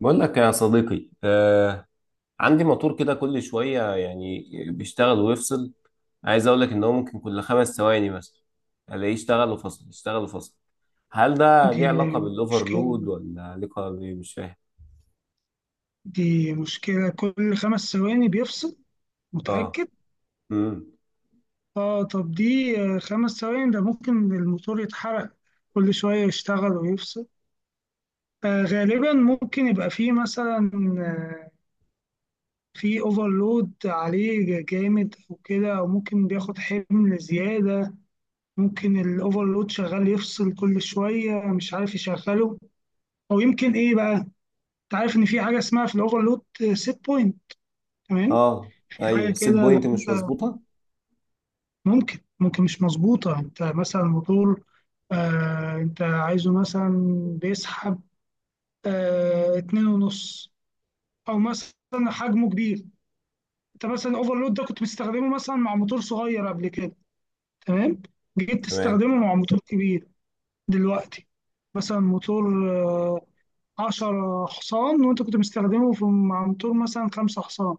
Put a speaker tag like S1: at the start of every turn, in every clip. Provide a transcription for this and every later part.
S1: بقول لك يا صديقي، عندي موتور كده كل شوية يعني بيشتغل ويفصل. عايز أقول لك إن هو ممكن كل 5 ثواني مثلا ألاقيه اشتغل وفصل، اشتغل وفصل. هل ده
S2: دي
S1: ليه علاقة بالأوفرلود
S2: مشكلة
S1: ولا علاقة بإيه؟ مش فاهم.
S2: دي مشكلة كل خمس ثواني بيفصل.
S1: آه.
S2: متأكد؟
S1: امم.
S2: اه، طب دي خمس ثواني ده ممكن الموتور يتحرق. كل شوية يشتغل ويفصل. غالبا ممكن يبقى فيه مثلا آه في اوفرلود عليه جامد او كده، او ممكن بياخد حمل زيادة. ممكن الاوفرلود شغال يفصل كل شوية، مش عارف يشغله، او يمكن ايه بقى. انت عارف ان في حاجة اسمها في الاوفرلود سيت بوينت؟ تمام.
S1: آه
S2: في
S1: أيوه،
S2: حاجة
S1: السيت
S2: كده
S1: بوينت
S2: لو
S1: مش
S2: أنت،
S1: مظبوطة.
S2: ممكن مش مظبوطة. أنت مثلا موتور، أنت عايزه مثلا بيسحب اتنين ونص، أو مثلا حجمه كبير. أنت مثلا أوفرلود ده كنت بتستخدمه مثلا مع موتور صغير قبل كده، تمام، جيت
S1: تمام.
S2: تستخدمه مع موتور كبير دلوقتي. مثلا موتور 10 حصان، وأنت كنت مستخدمه في مع موتور مثلا 5 حصان،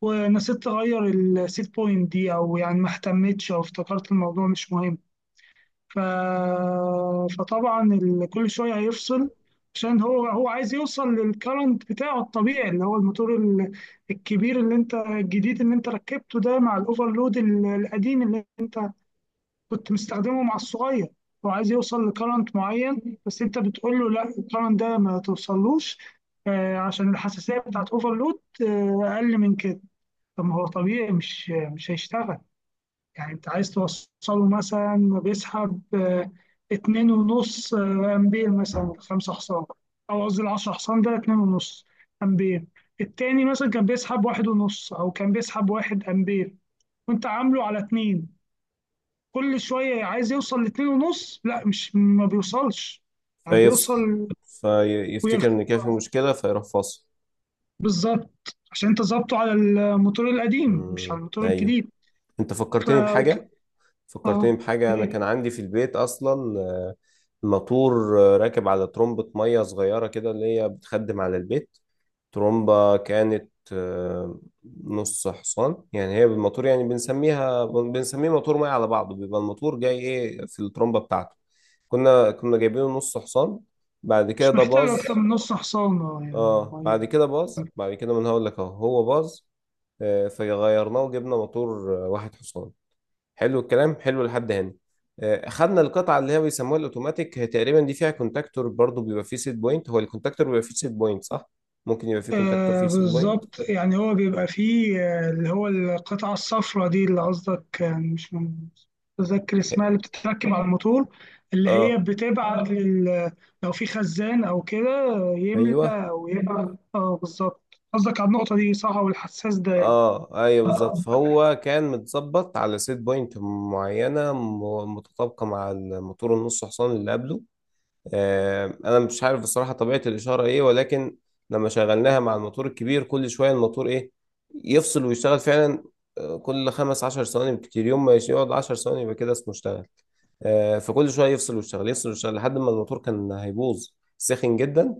S2: ونسيت تغير السيت بوينت دي، أو يعني ما اهتمتش أو افتكرت الموضوع مش مهم. ف... فطبعا كل شويه هيفصل، عشان هو عايز يوصل للكرنت بتاعه الطبيعي، اللي هو الموتور الكبير اللي انت الجديد اللي انت ركبته ده، مع الاوفرلود القديم اللي كنت مستخدمه مع الصغير. هو عايز يوصل لكرنت معين، بس انت بتقول له لا الكرنت ده ما توصلوش، عشان الحساسيه بتاعت اوفرلود اقل من كده. طب ما هو طبيعي مش هيشتغل. يعني انت عايز توصله مثلا بيسحب اتنين ونص امبير مثلا، ولا خمسة حصان، او قصدي العشرة حصان ده اتنين ونص امبير. التاني مثلا كان بيسحب واحد ونص، او كان بيسحب واحد امبير، وانت عامله على اتنين. كل شوية عايز يوصل لاتنين ونص، لا مش ما بيوصلش، يعني
S1: فيفصل،
S2: بيوصل.
S1: فيفتكر
S2: ويخ،
S1: ان كده في مشكله فيروح فاصل.
S2: بالظبط، عشان انت ظابطه على الموتور القديم مش على
S1: مم.
S2: الموتور
S1: ايوه.
S2: الجديد.
S1: انت فكرتني
S2: أوكي.
S1: بحاجه
S2: اه،
S1: فكرتني بحاجه انا كان
S2: يعني
S1: عندي في البيت اصلا موتور راكب على ترمبه ميه صغيره كده اللي هي بتخدم على البيت. ترومبة كانت نص حصان. يعني هي بالموتور يعني بنسميه موتور ميه على بعضه، بيبقى الموتور جاي ايه في الترومبة بتاعته. كنا جايبينه نص حصان، بعد كده
S2: مش
S1: ده
S2: محتاج اكتر
S1: باظ.
S2: من نص حصان، اه يعني.
S1: اه، بعد كده باظ. بعد كده ما انا هقول لك اهو هو باظ. فغيرناه وجبنا موتور واحد حصان. حلو الكلام، حلو لحد هنا. خدنا القطعه اللي هي بيسموها الاوتوماتيك. هي تقريبا دي فيها كونتاكتور برضو، بيبقى فيه سيت بوينت. هو الكونتاكتور بيبقى فيه سيت بوينت، صح؟ ممكن يبقى فيه كونتاكتور
S2: آه،
S1: فيه سيت بوينت.
S2: بالظبط، يعني هو بيبقى فيه اللي هو القطعة الصفراء دي اللي قصدك، مش مش متذكر
S1: اه.
S2: اسمها، اللي بتتركب على الموتور، اللي هي
S1: آه،
S2: بتبعت لو في خزان أو كده،
S1: ايوه.
S2: يملى أو يبعت، اه بالظبط، قصدك على النقطة دي صح والحساس ده.
S1: اه، ايوه، بالظبط، فهو كان متظبط على سيت بوينت معينه متطابقه مع الموتور النص حصان اللي قبله. انا مش عارف بصراحه طبيعه الاشاره ايه، ولكن لما شغلناها مع الموتور الكبير كل شويه الموتور ايه، يفصل ويشتغل فعلا. كل 15 ثواني بكتير، يوم ما يقعد 10 ثواني يبقى كده اسمه اشتغل. فكل شويه يفصل ويشتغل، يفصل ويشتغل لحد ما الموتور كان هيبوظ. سخن جدا،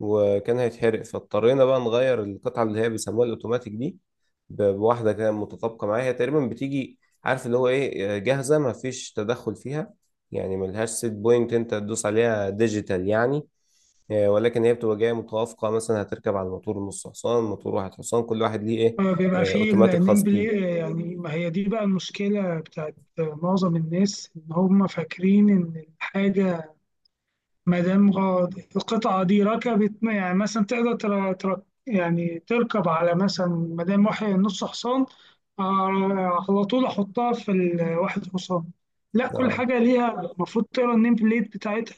S1: وكان هيتحرق. فاضطرينا بقى نغير القطعه اللي هي بيسموها الاوتوماتيك دي بواحده كده متطابقه معاها. هي تقريبا بتيجي عارف اللي هو ايه، جاهزه ما فيش تدخل فيها، يعني ملهاش سيت بوينت انت تدوس عليها، ديجيتال يعني. ولكن هي بتبقى جايه متوافقه، مثلا هتركب على الموتور نص حصان، موتور واحد حصان، كل واحد ليه ايه،
S2: آه، بيبقى فيه
S1: اوتوماتيك
S2: النيم
S1: خاص بيه.
S2: بلاي. يعني ما هي دي بقى المشكلة بتاعت معظم الناس، إن هم فاكرين إن الحاجة ما دام القطعة دي ركبت، يعني مثلا تقدر يعني تركب على مثلا ما دام واحد نص حصان، على طول أحطها في الواحد حصان. لا، كل
S1: اه،
S2: حاجة ليها المفروض تقرا النيم بليت بتاعتها.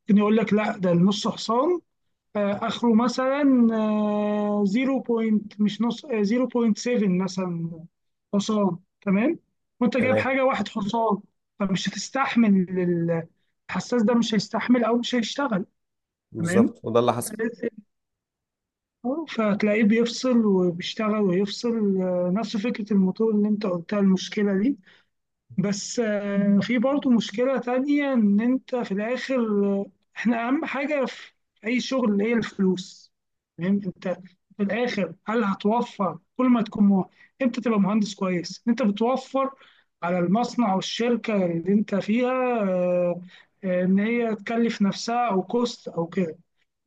S2: ممكن يقول لك لا ده النص حصان، آخره مثلا 0. مش نص، 0.7 مثلا حصان، تمام، وأنت جايب
S1: تمام،
S2: حاجة واحد حصان، فمش هتستحمل. ال- الحساس ده مش هيستحمل أو مش هيشتغل. تمام.
S1: بالظبط، وده اللي حصل.
S2: تلات سلكه، فهتلاقيه بيفصل وبيشتغل ويفصل، نفس فكرة الموتور اللي انت قلتها المشكلة دي. بس في برضو مشكلة تانية، ان انت في الاخر احنا اهم حاجة في اي شغل هي الفلوس. تمام. انت في الاخر هل هتوفر كل ما تكون امتى تبقى مهندس كويس انت بتوفر على المصنع والشركة اللي انت فيها، ان هي تكلف نفسها او كوست او كده.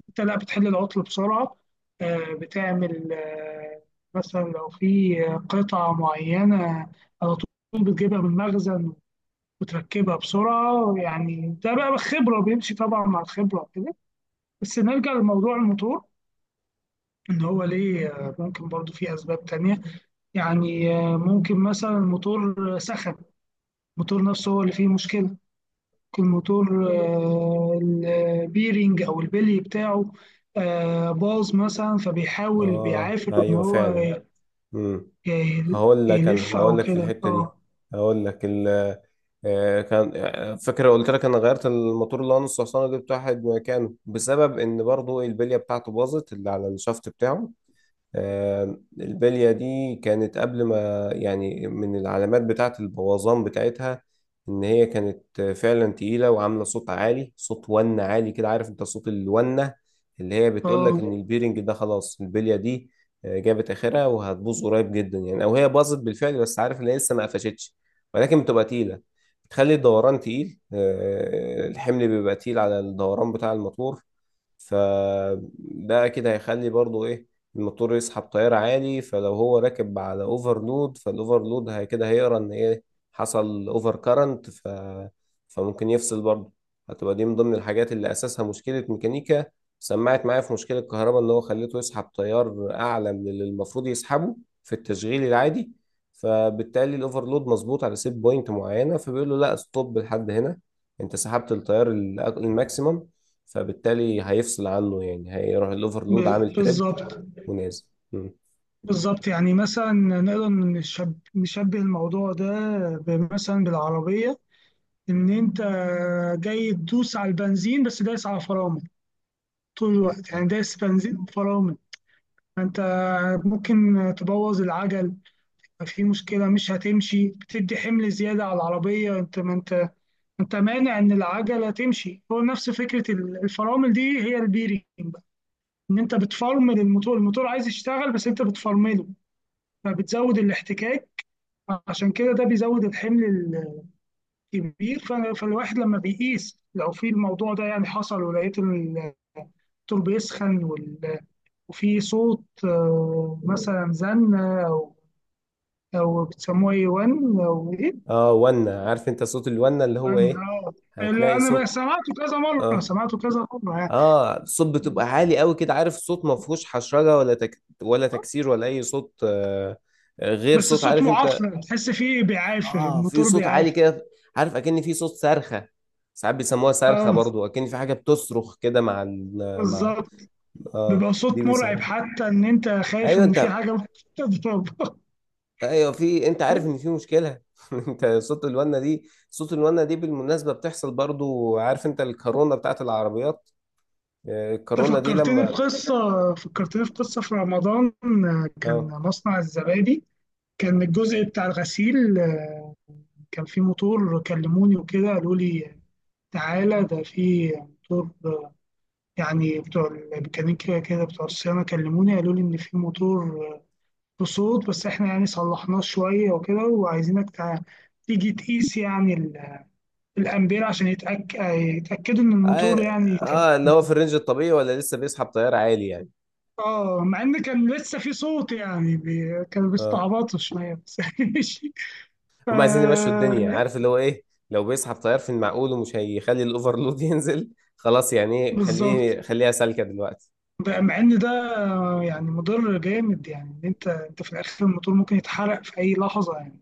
S2: انت لا، بتحل العطل بسرعة، بتعمل مثلا لو في قطعة معينة على طول بتجيبها من المخزن وتركبها بسرعة، يعني ده بقى خبرة بيمشي طبعا مع الخبرة كده. بس نرجع لموضوع الموتور، إن هو ليه ممكن برضو في أسباب تانية. يعني ممكن مثلا الموتور سخن، الموتور نفسه هو اللي فيه مشكلة. الموتور البيرنج او البلي بتاعه باظ مثلا، فبيحاول
S1: اه،
S2: بيعافر ان
S1: ايوه
S2: هو
S1: فعلا. امم
S2: يلف او
S1: هقول لك في
S2: كده.
S1: الحته دي.
S2: اه.
S1: هقول لك ال كان فاكر قلت لك انا غيرت الموتور اللي هو نص حصان وجبت واحد مكانه بسبب ان برضو البليه بتاعته باظت، اللي على الشافت بتاعه. البلية دي كانت قبل ما يعني، من العلامات بتاعة البوظان بتاعتها إن هي كانت فعلا تقيلة وعاملة صوت عالي، صوت ونة عالي كده، عارف أنت صوت الونة اللي هي بتقولك
S2: اه،
S1: إن البيرنج ده خلاص، البلية دي جابت آخرها وهتبوظ قريب جدا يعني، أو هي باظت بالفعل بس عارف إن هي لسه ما قفشتش، ولكن بتبقى تقيلة. بتخلي الدوران تقيل. الحمل بيبقى تقيل على الدوران بتاع الموتور. فده أكيد هيخلي برضو إيه، الموتور يسحب تيار عالي. فلو هو راكب على اوفرلود، فالاوفرلود هي كده هيقرا ان ايه، حصل اوفر كارنت. فممكن يفصل برضه. هتبقى دي من ضمن الحاجات اللي اساسها مشكلة ميكانيكا. سمعت معايا؟ في مشكلة كهرباء ان هو خليته يسحب تيار اعلى من اللي المفروض يسحبه في التشغيل العادي. فبالتالي الاوفرلود مظبوط على سيت بوينت معينة، فبيقول له لا، ستوب لحد هنا. انت سحبت التيار الماكسيمم، فبالتالي هيفصل عنه يعني، هيروح الاوفرلود عامل تريب.
S2: بالظبط.
S1: منازل. مم.
S2: بالظبط، يعني مثلا نقدر نشبه الموضوع ده مثلا بالعربية، ان انت جاي تدوس على البنزين بس دايس على فرامل طول الوقت، يعني دايس بنزين فرامل، فانت ممكن تبوظ العجل. في مشكلة، مش هتمشي، بتدي حمل زيادة على العربية، انت، ما انت مانع ان العجلة تمشي. هو نفس فكرة الفرامل دي هي البيرنج بقى، ان انت بتفرمل الموتور. الموتور عايز يشتغل بس انت بتفرمله، فبتزود الاحتكاك، عشان كده ده بيزود الحمل الكبير. فالواحد لما بيقيس لو في الموضوع ده، يعني حصل ولقيت الدكتور بيسخن وفي صوت مثلا زن، او بتسموه اي 1 او،
S1: اه، ونا عارف انت صوت الونا اللي هو ايه.
S2: أنا
S1: هتلاقي
S2: أنا بقى
S1: صوت.
S2: سمعته كذا مرة،
S1: اه.
S2: سمعته كذا مرة يعني،
S1: اه، صوت بتبقى عالي قوي كده، عارف صوت ما فيهوش حشرجه ولا ولا تكسير ولا اي صوت غير
S2: بس
S1: صوت،
S2: الصوت
S1: عارف انت.
S2: معفن، تحس فيه بيعافر
S1: اه، في
S2: الموتور
S1: صوت عالي
S2: بيعافر.
S1: كده، عارف اكن في صوت صرخه. ساعات بيسموها صرخه
S2: اه
S1: برضو، اكن في حاجه بتصرخ كده مع مع،
S2: بالظبط،
S1: اه
S2: بيبقى
S1: دي
S2: صوت مرعب
S1: بيسموها.
S2: حتى ان انت خايف
S1: ايوه،
S2: ان في
S1: انت.
S2: حاجه ممكن تضرب.
S1: ايوه، في. انت عارف ان في مشكله. انت صوت الونه دي بالمناسبه بتحصل برضو، عارف انت الكورونا بتاعت العربيات.
S2: انت
S1: الكورونا دي
S2: فكرتني
S1: لما،
S2: بقصه، فكرتني في قصه في رمضان، كان
S1: اه،
S2: مصنع الزبادي، كان الجزء بتاع الغسيل، كان في موتور كلموني وكده، قالوا لي تعالى ده في موتور، يعني بتوع الميكانيكا كده بتوع الصيانة كلموني قالوا لي إن في موتور بصوت، بس إحنا يعني صلحناه شوية وكده، وعايزينك تيجي تقيس يعني الأمبير عشان يتأكدوا إن
S1: اه.
S2: الموتور يعني
S1: اللي هو في الرينج الطبيعي ولا لسه بيسحب طيار عالي يعني.
S2: آه، مع إن كان لسه في صوت يعني كانوا
S1: اه،
S2: بيستعبطوا شوية بس. ماشي. ف...
S1: هم عايزين يمشوا الدنيا عارف اللي هو ايه، لو بيسحب طيار في المعقول ومش هيخلي الاوفرلود ينزل، خلاص يعني ايه،
S2: بالظبط.
S1: خليها سالكه دلوقتي.
S2: مع إن ده يعني مضر جامد، يعني إن أنت في الآخر الموتور ممكن يتحرق في أي لحظة يعني.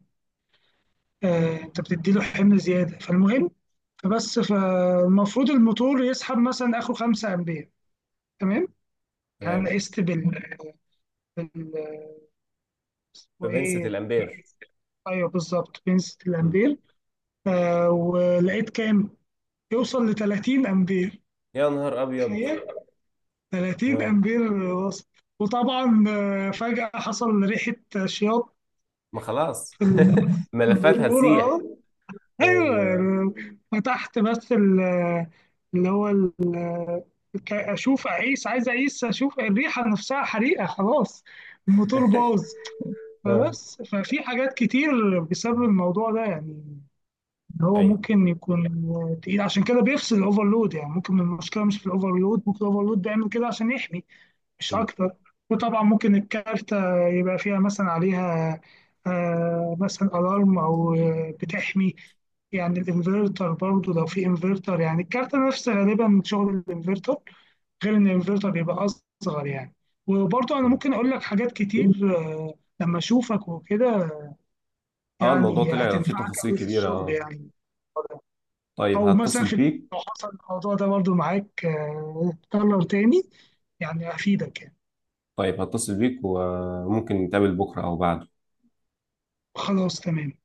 S2: انت بتدي له حمل زياده، فالمهم، فبس، فالمفروض الموتور يسحب مثلا اخره 5 امبير. تمام. انا
S1: تمام.
S2: قست بال- اسمه
S1: فبنسة
S2: ايه.
S1: الامبير.
S2: ايوه بالظبط، بنسة
S1: مم.
S2: الامبير. ولقيت كام، يوصل ل 30 امبير.
S1: يا نهار ابيض!
S2: تخيل، 30
S1: اه،
S2: امبير وصل. وطبعا فجأة حصل ريحة شياط
S1: ما خلاص.
S2: في في
S1: ملفات
S2: البلور اه،
S1: هتسيح.
S2: ايوه
S1: ايوه.
S2: يعني، فتحت بس اللي هو اشوف اعيش، عايز اعيش اشوف الريحه نفسها حريقه، خلاص الموتور باظ.
S1: اه،
S2: فبس ففي حاجات كتير بسبب الموضوع ده، يعني إن هو
S1: ايوه.
S2: ممكن يكون تقيل، عشان كده بيفصل الاوفرلود، يعني ممكن المشكله مش في الاوفرلود، ممكن الاوفرلود بيعمل كده عشان يحمي مش
S1: مم.
S2: اكتر. وطبعا ممكن الكارتة يبقى فيها مثلا عليها مثلا الارم، او بتحمي يعني الانفرتر، برضو لو في انفرتر، يعني الكارتة نفس غالبا شغل الانفرتر غير ان الفلتر بيبقى اصغر يعني. وبرضه انا
S1: مم.
S2: ممكن اقول لك حاجات كتير لما اشوفك وكده،
S1: اه، الموضوع
S2: يعني
S1: طلع فيه
S2: هتنفعك
S1: تفاصيل
S2: قوي في
S1: كبيرة،
S2: الشغل
S1: اه.
S2: يعني،
S1: طيب،
S2: او مثلا
S1: هتصل
S2: في البيت
S1: بيك.
S2: لو حصل الموضوع ده برضه معاك اتكرر تاني، يعني افيدك يعني.
S1: طيب، هتصل بيك وممكن نتقابل بكرة او بعد
S2: خلاص تمام.